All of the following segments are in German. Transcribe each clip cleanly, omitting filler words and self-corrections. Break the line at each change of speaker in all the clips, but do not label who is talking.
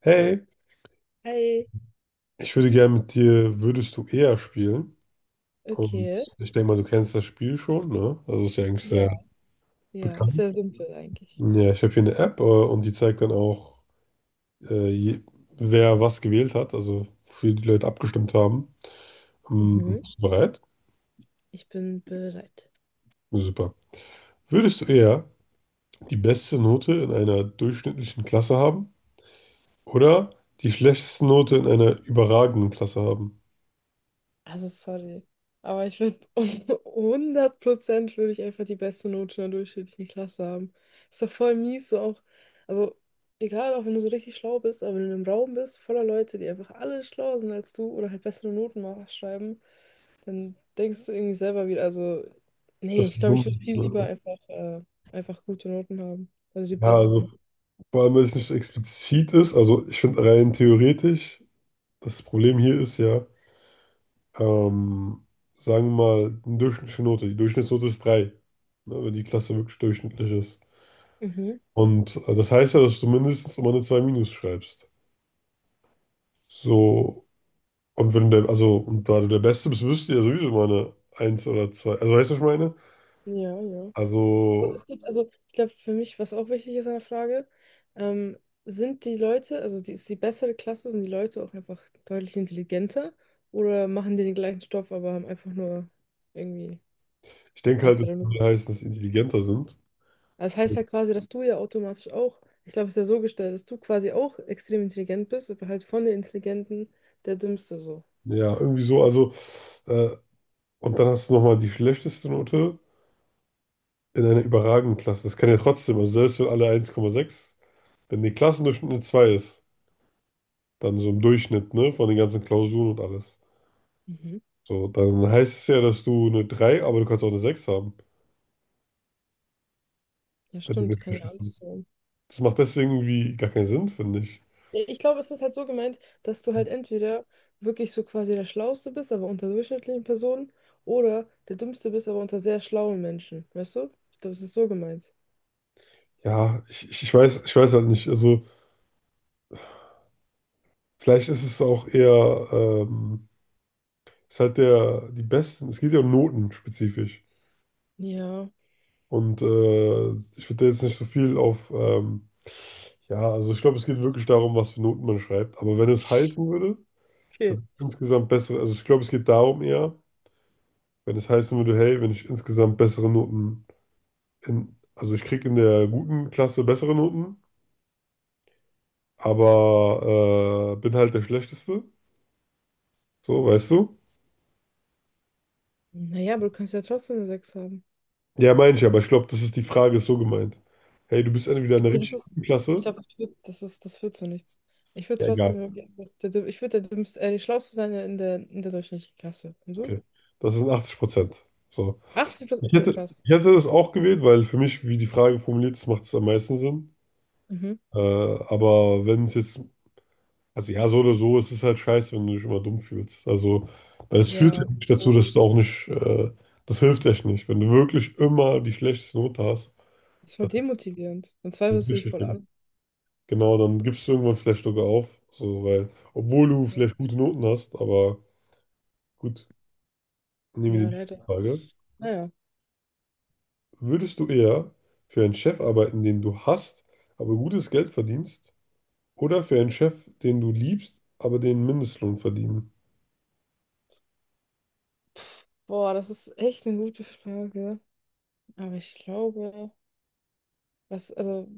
Hey,
Hi.
ich würde gerne mit dir Würdest du eher spielen? Und
Okay.
ich denke mal, du kennst das Spiel schon, ne? Also ist ja eigentlich
Ja.
sehr
Ja,
bekannt.
sehr simpel eigentlich.
Ja, ich habe hier eine App, und die zeigt dann auch, äh, je, wer was gewählt hat, also wofür die Leute abgestimmt haben.
Mhm.
Bist du bereit?
Ich bin bereit.
Ja, super. Würdest du eher die beste Note in einer durchschnittlichen Klasse haben oder die schlechteste Note in einer überragenden Klasse haben?
Also sorry, aber ich würde hundert Prozent würde ich einfach die beste Note in der durchschnittlichen Klasse haben. Ist doch voll mies, so auch. Also egal, auch wenn du so richtig schlau bist, aber wenn du in einem Raum bist, voller Leute, die einfach alle schlauer sind als du oder halt bessere schreiben, dann denkst du irgendwie selber wieder, also nee,
Das ist
ich glaube, ich würde
dumm,
viel lieber
ne?
einfach, einfach gute Noten haben. Also die
Ja,
besten.
also vor allem, weil es nicht explizit ist. Also ich finde rein theoretisch, das Problem hier ist ja, ähm, sagen wir mal, eine durchschnittliche Note. Die Durchschnittsnote ist 3, ne, wenn die Klasse wirklich durchschnittlich ist.
Mhm.
Und das heißt ja, dass du mindestens immer eine 2 minus schreibst. So, und wenn der, also, und da du der Beste bist, wirst du ja sowieso immer eine eins oder 2. Also weißt du, was ich meine?
Ja, ja. Also
Also,
es gibt, also ich glaube, für mich, was auch wichtig ist an der Frage, ähm, sind die ist die bessere Klasse, sind die Leute auch einfach deutlich intelligenter oder machen die den gleichen Stoff, aber haben einfach nur irgendwie
ich denke halt, das
bessere Noten?
würde heißen, dass die intelligenter sind.
Also das heißt ja quasi, dass du ja automatisch auch, ich glaube, es ist ja so gestellt, dass du quasi auch extrem intelligent bist, aber halt von den Intelligenten der Dümmste so.
Ja, irgendwie so. Also, äh, und dann hast du nochmal die schlechteste Note in einer überragenden Klasse. Das kann ja trotzdem, also selbst wenn alle 1,6, wenn die Klassendurchschnitt eine 2 ist, dann so im Durchschnitt, ne, von den ganzen Klausuren und alles.
Mhm.
So, dann heißt es ja, dass du eine drei, aber du kannst auch eine 6 haben,
Ja,
wenn du
stimmt,
nicht
kann ja
schlecht bist.
alles sein.
Das macht deswegen irgendwie gar keinen Sinn, finde ich.
Ja, ich glaube, es ist halt so gemeint, dass du halt entweder wirklich so quasi der Schlauste bist, aber unter durchschnittlichen Personen, oder der Dümmste bist, aber unter sehr schlauen Menschen. Weißt du? Ich glaube, es ist so gemeint.
Ja, ich weiß halt nicht. Also, vielleicht ist es auch eher, ist halt der, die besten, es geht ja um Noten spezifisch.
Ja,
Und ich würde da jetzt nicht so viel auf, ja, also ich glaube, es geht wirklich darum, was für Noten man schreibt. Aber wenn es halten würde,
okay.
das ist insgesamt bessere, also ich glaube, es geht darum eher, wenn es heißen würde, hey, wenn ich insgesamt bessere Noten in, also ich kriege in der guten Klasse bessere Noten, aber bin halt der Schlechteste, so, weißt du?
Naja, aber du kannst ja trotzdem eine 6 haben.
Ja, meine ich, aber ich glaube, das ist die Frage, ist so gemeint. Hey, du bist entweder in der
Okay, das
richtig
ist.
guten
Ich
Klasse,
glaube, das wird, das ist, das wird so nichts. Ich würde
ja,
trotzdem
egal,
irgendwie einfach ich würde die Schlauste sein in in der durchschnittlichen Klasse. Und du?
okay, das sind 80%. So.
80 plus,
Ich
okay,
hätte,
krass.
Ich hätte das auch gewählt, weil für mich, wie die Frage formuliert ist, macht es am meisten Sinn.
Mhm.
Aber wenn es jetzt, also ja, so oder so, es ist halt scheiße, wenn du dich immer dumm fühlst. Also, weil es führt ja
Ja.
nicht
Oh,
dazu, dass du auch nicht, das hilft echt nicht. Wenn du wirklich immer die schlechteste Note hast,
das ist voll
das ist
demotivierend. Und zwei
so
wirst du dich
richtig
voll
schlimm.
an.
Genau, dann gibst du irgendwann vielleicht sogar auf. So, weil, obwohl du
Ja.
vielleicht gute Noten hast, aber gut, nehmen wir die
Ja,
nächste
leider.
Frage.
Naja,
Würdest du eher für einen Chef arbeiten, den du hasst, aber gutes Geld verdienst? Oder für einen Chef, den du liebst, aber den Mindestlohn verdienen.
boah, das ist echt eine gute Frage. Aber ich glaube, was, also,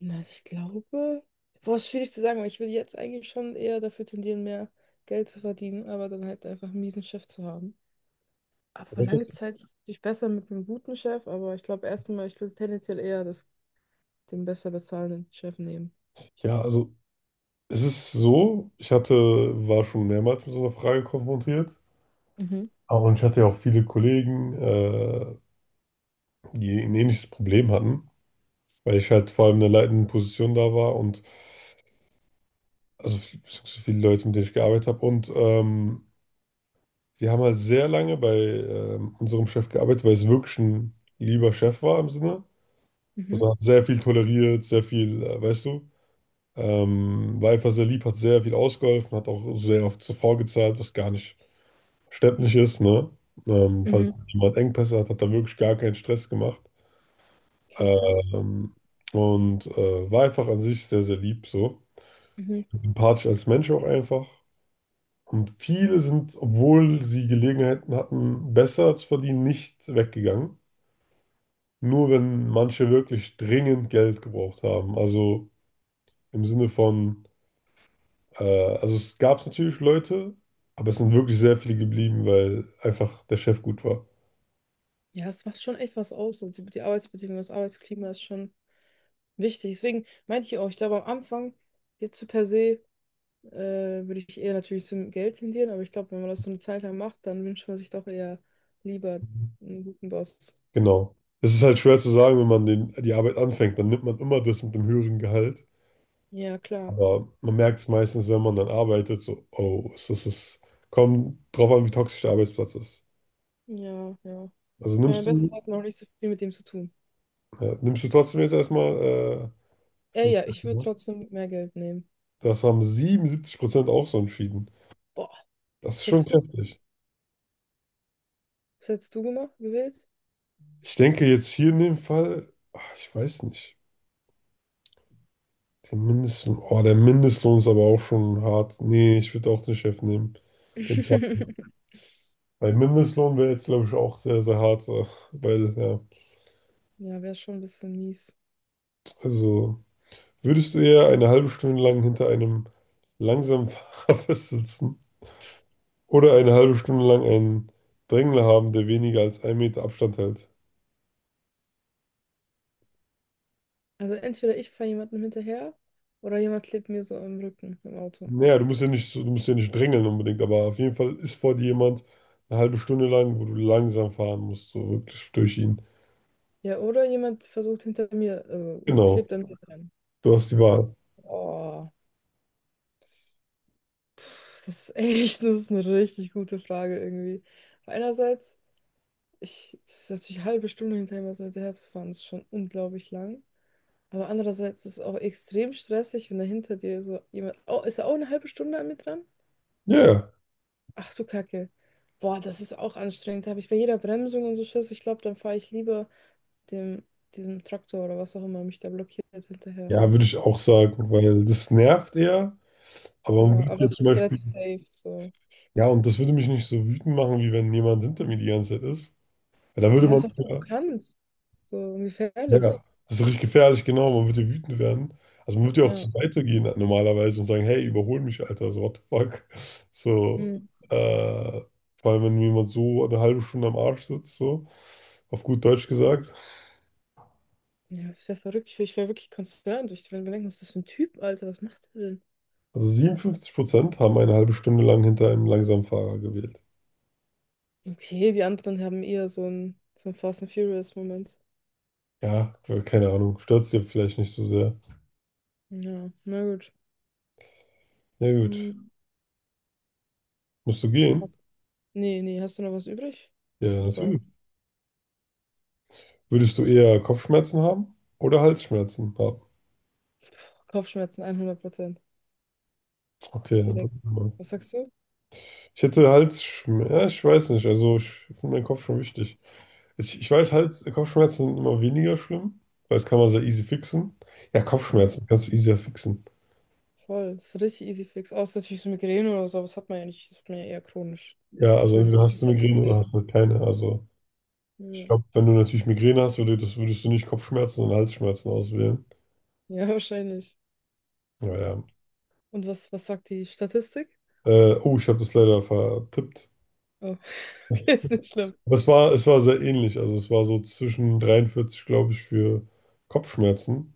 na, also ich glaube, boah, ist schwierig zu sagen, weil ich würde jetzt eigentlich schon eher dafür tendieren, mehr Geld zu verdienen, aber dann halt einfach einen miesen Chef zu haben. Aber
Weißt du,
lange
was
Zeit ist es natürlich besser mit einem guten Chef, aber ich glaube erstmal, ich würde tendenziell den besser bezahlenden Chef nehmen.
ich- Ja, also es ist so, war schon mehrmals mit so einer Frage konfrontiert.
Mhm,
Und ich hatte ja auch viele Kollegen, die ein ähnliches Problem hatten, weil ich halt vor allem in einer leitenden Position da war und also so viele Leute, mit denen ich gearbeitet habe. Und die haben halt sehr lange bei unserem Chef gearbeitet, weil es wirklich ein lieber Chef war im Sinne.
mhm,
Also er hat sehr viel toleriert, sehr viel, weißt du. War einfach sehr lieb, hat sehr viel ausgeholfen, hat auch sehr oft zuvor gezahlt, was gar nicht verständlich ist, ne? Falls
mhm.
jemand Engpässe hat, hat er wirklich gar keinen Stress gemacht.
Okay, krass.
Ähm, und war einfach an sich sehr, sehr lieb, so.
Mhm.
Sympathisch als Mensch auch einfach. Und viele sind, obwohl sie Gelegenheiten hatten, besser zu verdienen, nicht weggegangen. Nur wenn manche wirklich dringend Geld gebraucht haben. Also im Sinne von. Also es gab natürlich Leute, aber es sind wirklich sehr viele geblieben, weil einfach der Chef gut war.
Ja, es macht schon echt was aus. Und die Arbeitsbedingungen, das Arbeitsklima ist schon wichtig. Deswegen meinte ich auch, ich glaube am Anfang, jetzt so per se, würde ich eher natürlich zum Geld tendieren, aber ich glaube, wenn man das so eine Zeit lang macht, dann wünscht man sich doch eher lieber einen guten Boss.
Genau. Es ist halt schwer zu sagen, wenn man den, die Arbeit anfängt, dann nimmt man immer das mit dem höheren Gehalt.
Ja, klar.
Aber man merkt es meistens, wenn man dann arbeitet, so, oh, es kommt drauf an, wie toxisch der Arbeitsplatz ist.
Ja, ja.
Also
Ich meine,
nimmst
am
du
besten hat man auch nicht so viel mit dem zu tun.
Ja, nimmst du trotzdem jetzt erstmal,
Ja,
fünf
ja, ich würde trotzdem mehr Geld nehmen.
das haben 77% auch so entschieden.
Boah,
Das
was
ist schon
hättest du?
kräftig.
Was hättest du gemacht, gewählt?
Ich denke jetzt hier in dem Fall, ich weiß nicht. Der Mindestlohn, oh, der Mindestlohn ist aber auch schon hart. Nee, ich würde auch den Chef nehmen. Den Chef. Weil Mindestlohn wäre jetzt, glaube ich, auch sehr, sehr hart. Weil, ja,
Ja, wäre schon ein bisschen mies.
also würdest du eher eine halbe Stunde lang hinter einem langsamen Fahrer festsitzen oder eine halbe Stunde lang einen Drängler haben, der weniger als einen Meter Abstand hält?
Also entweder ich fahre jemandem hinterher oder jemand klebt mir so am Rücken im Auto.
Naja, du musst ja nicht drängeln unbedingt, aber auf jeden Fall ist vor dir jemand eine halbe Stunde lang, wo du langsam fahren musst, so wirklich durch ihn.
Ja, oder jemand versucht hinter mir, also
Genau,
klebt an mir dran.
du hast die Wahl.
Oh, pff, das ist echt, das ist eine richtig gute Frage irgendwie. Einerseits, das ist natürlich eine halbe Stunde hinter ihm so dem fahren, ist schon unglaublich lang. Aber andererseits ist es auch extrem stressig, wenn da hinter dir so jemand, oh, ist er auch eine halbe Stunde an mir dran?
Ja, ja,
Ach du Kacke. Boah, das ist auch anstrengend. Da habe ich bei jeder Bremsung und so Schiss. Ich glaube, dann fahre ich lieber dem, diesem Traktor oder was auch immer mich da blockiert hinterher.
ja, würde ich auch sagen, weil das nervt eher, aber man
Ja,
würde
aber
jetzt
es
zum
ist
Beispiel,
relativ safe, so.
ja, und das würde mich nicht so wütend machen, wie wenn jemand hinter mir die ganze Zeit ist. Weil da würde
Ja,
man,
ist auch
ja.
provokant. So und
Ja,
gefährlich.
das ist richtig gefährlich, genau. Man wird ja wütend werden. Also man wird ja auch
Ja.
zur Seite gehen normalerweise und sagen, hey, überhol mich, Alter, so what the fuck. So,
Mhm.
äh, vor allem, wenn mir jemand so eine halbe Stunde am Arsch sitzt, so, auf gut Deutsch gesagt.
Ja, das wäre verrückt. Ich wäre wirklich concerned. Ich würde mir denken, was ist das für ein Typ, Alter? Was macht er denn?
Also 57% haben eine halbe Stunde lang hinter einem langsamen Fahrer gewählt.
Okay, die anderen haben eher so einen Fast and Furious-Moment.
Ja, keine Ahnung, stört dir vielleicht nicht so sehr.
Ja, na gut.
Na gut,
Mhm.
musst du gehen?
Nee, nee, hast du noch was übrig?
Ja,
Und Frage.
natürlich. Würdest du eher Kopfschmerzen haben oder Halsschmerzen haben?
Kopfschmerzen hundert Prozent.
Okay, dann
Direkt.
drücken wir mal.
Was sagst du?
Ich hätte Halsschmerzen, ja, ich weiß nicht, also ich finde meinen Kopf schon wichtig. Ich weiß, Kopfschmerzen sind immer weniger schlimm, weil das kann man sehr easy fixen. Ja,
Ja,
Kopfschmerzen kannst du easier fixen.
voll. Das ist richtig easy fix. Außer natürlich so Migräne oder so, aber das hat man ja nicht. Das hat man ja eher chronisch.
Ja,
Das
also
will ich
entweder hast du
nicht dazu
Migräne oder
zählen.
hast du keine. Also ich
Ja.
glaube, wenn du natürlich Migräne hast, würdest du nicht Kopfschmerzen, sondern Halsschmerzen auswählen.
Ja, wahrscheinlich.
Naja.
Und was sagt die Statistik?
Oh, ich habe das leider vertippt.
Oh, okay, ist nicht schlimm.
Aber es war sehr ähnlich. Also es war so zwischen 43, glaube ich, für Kopfschmerzen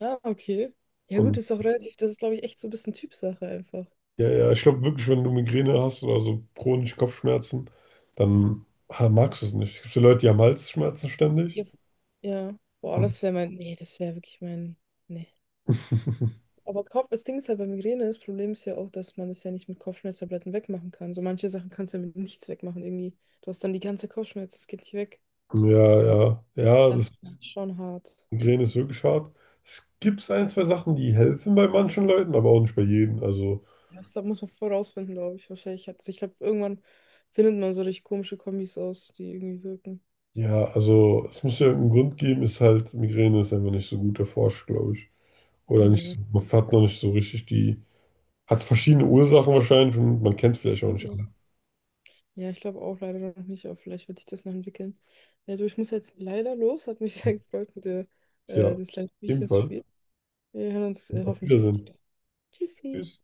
Ah, okay. Ja, gut,
und
ist auch relativ, das ist, glaube ich, echt so ein bisschen Typsache einfach.
Ja, ja, ich glaube wirklich, wenn du Migräne hast oder so chronische Kopfschmerzen, dann magst du es nicht. Es gibt so Leute, die haben Halsschmerzen ständig.
Ja. Ja. Boah,
Hm.
das wäre mein, nee, das wäre wirklich mein, nee. Aber Kopf, das Ding ist halt bei Migräne, das Problem ist ja auch, dass man das ja nicht mit Kopfschmerztabletten wegmachen kann. So manche Sachen kannst du ja mit nichts wegmachen irgendwie. Du hast dann die ganze Kopfschmerz, das geht nicht weg.
Ja, ja, ja,
Das
das
ist dann schon hart.
Migräne ist wirklich hart. Es gibt ein, zwei Sachen, die helfen bei manchen Leuten, aber auch nicht bei jedem. Also,
Das, da muss man vorausfinden, glaube ich. Wahrscheinlich hat, ich glaube, irgendwann findet man so richtig komische Kombis aus, die irgendwie wirken.
ja, also es muss ja irgendeinen Grund geben, ist halt, Migräne ist einfach nicht so gut erforscht, glaube ich. Oder nicht so,
Nee.
man hat noch nicht so richtig die, hat verschiedene Ursachen wahrscheinlich und man kennt vielleicht auch nicht alle.
Ja, ich glaube auch leider noch nicht, aber vielleicht wird sich das noch entwickeln. Ja, du, ich muss jetzt leider los. Hat mich sehr gefreut mit dir,
Ja,
das kleine Spielchen zu
ebenfalls.
spielen. Wir hören uns
Auf
hoffentlich bald
Wiedersehen.
wieder. Tschüssi.
Tschüss.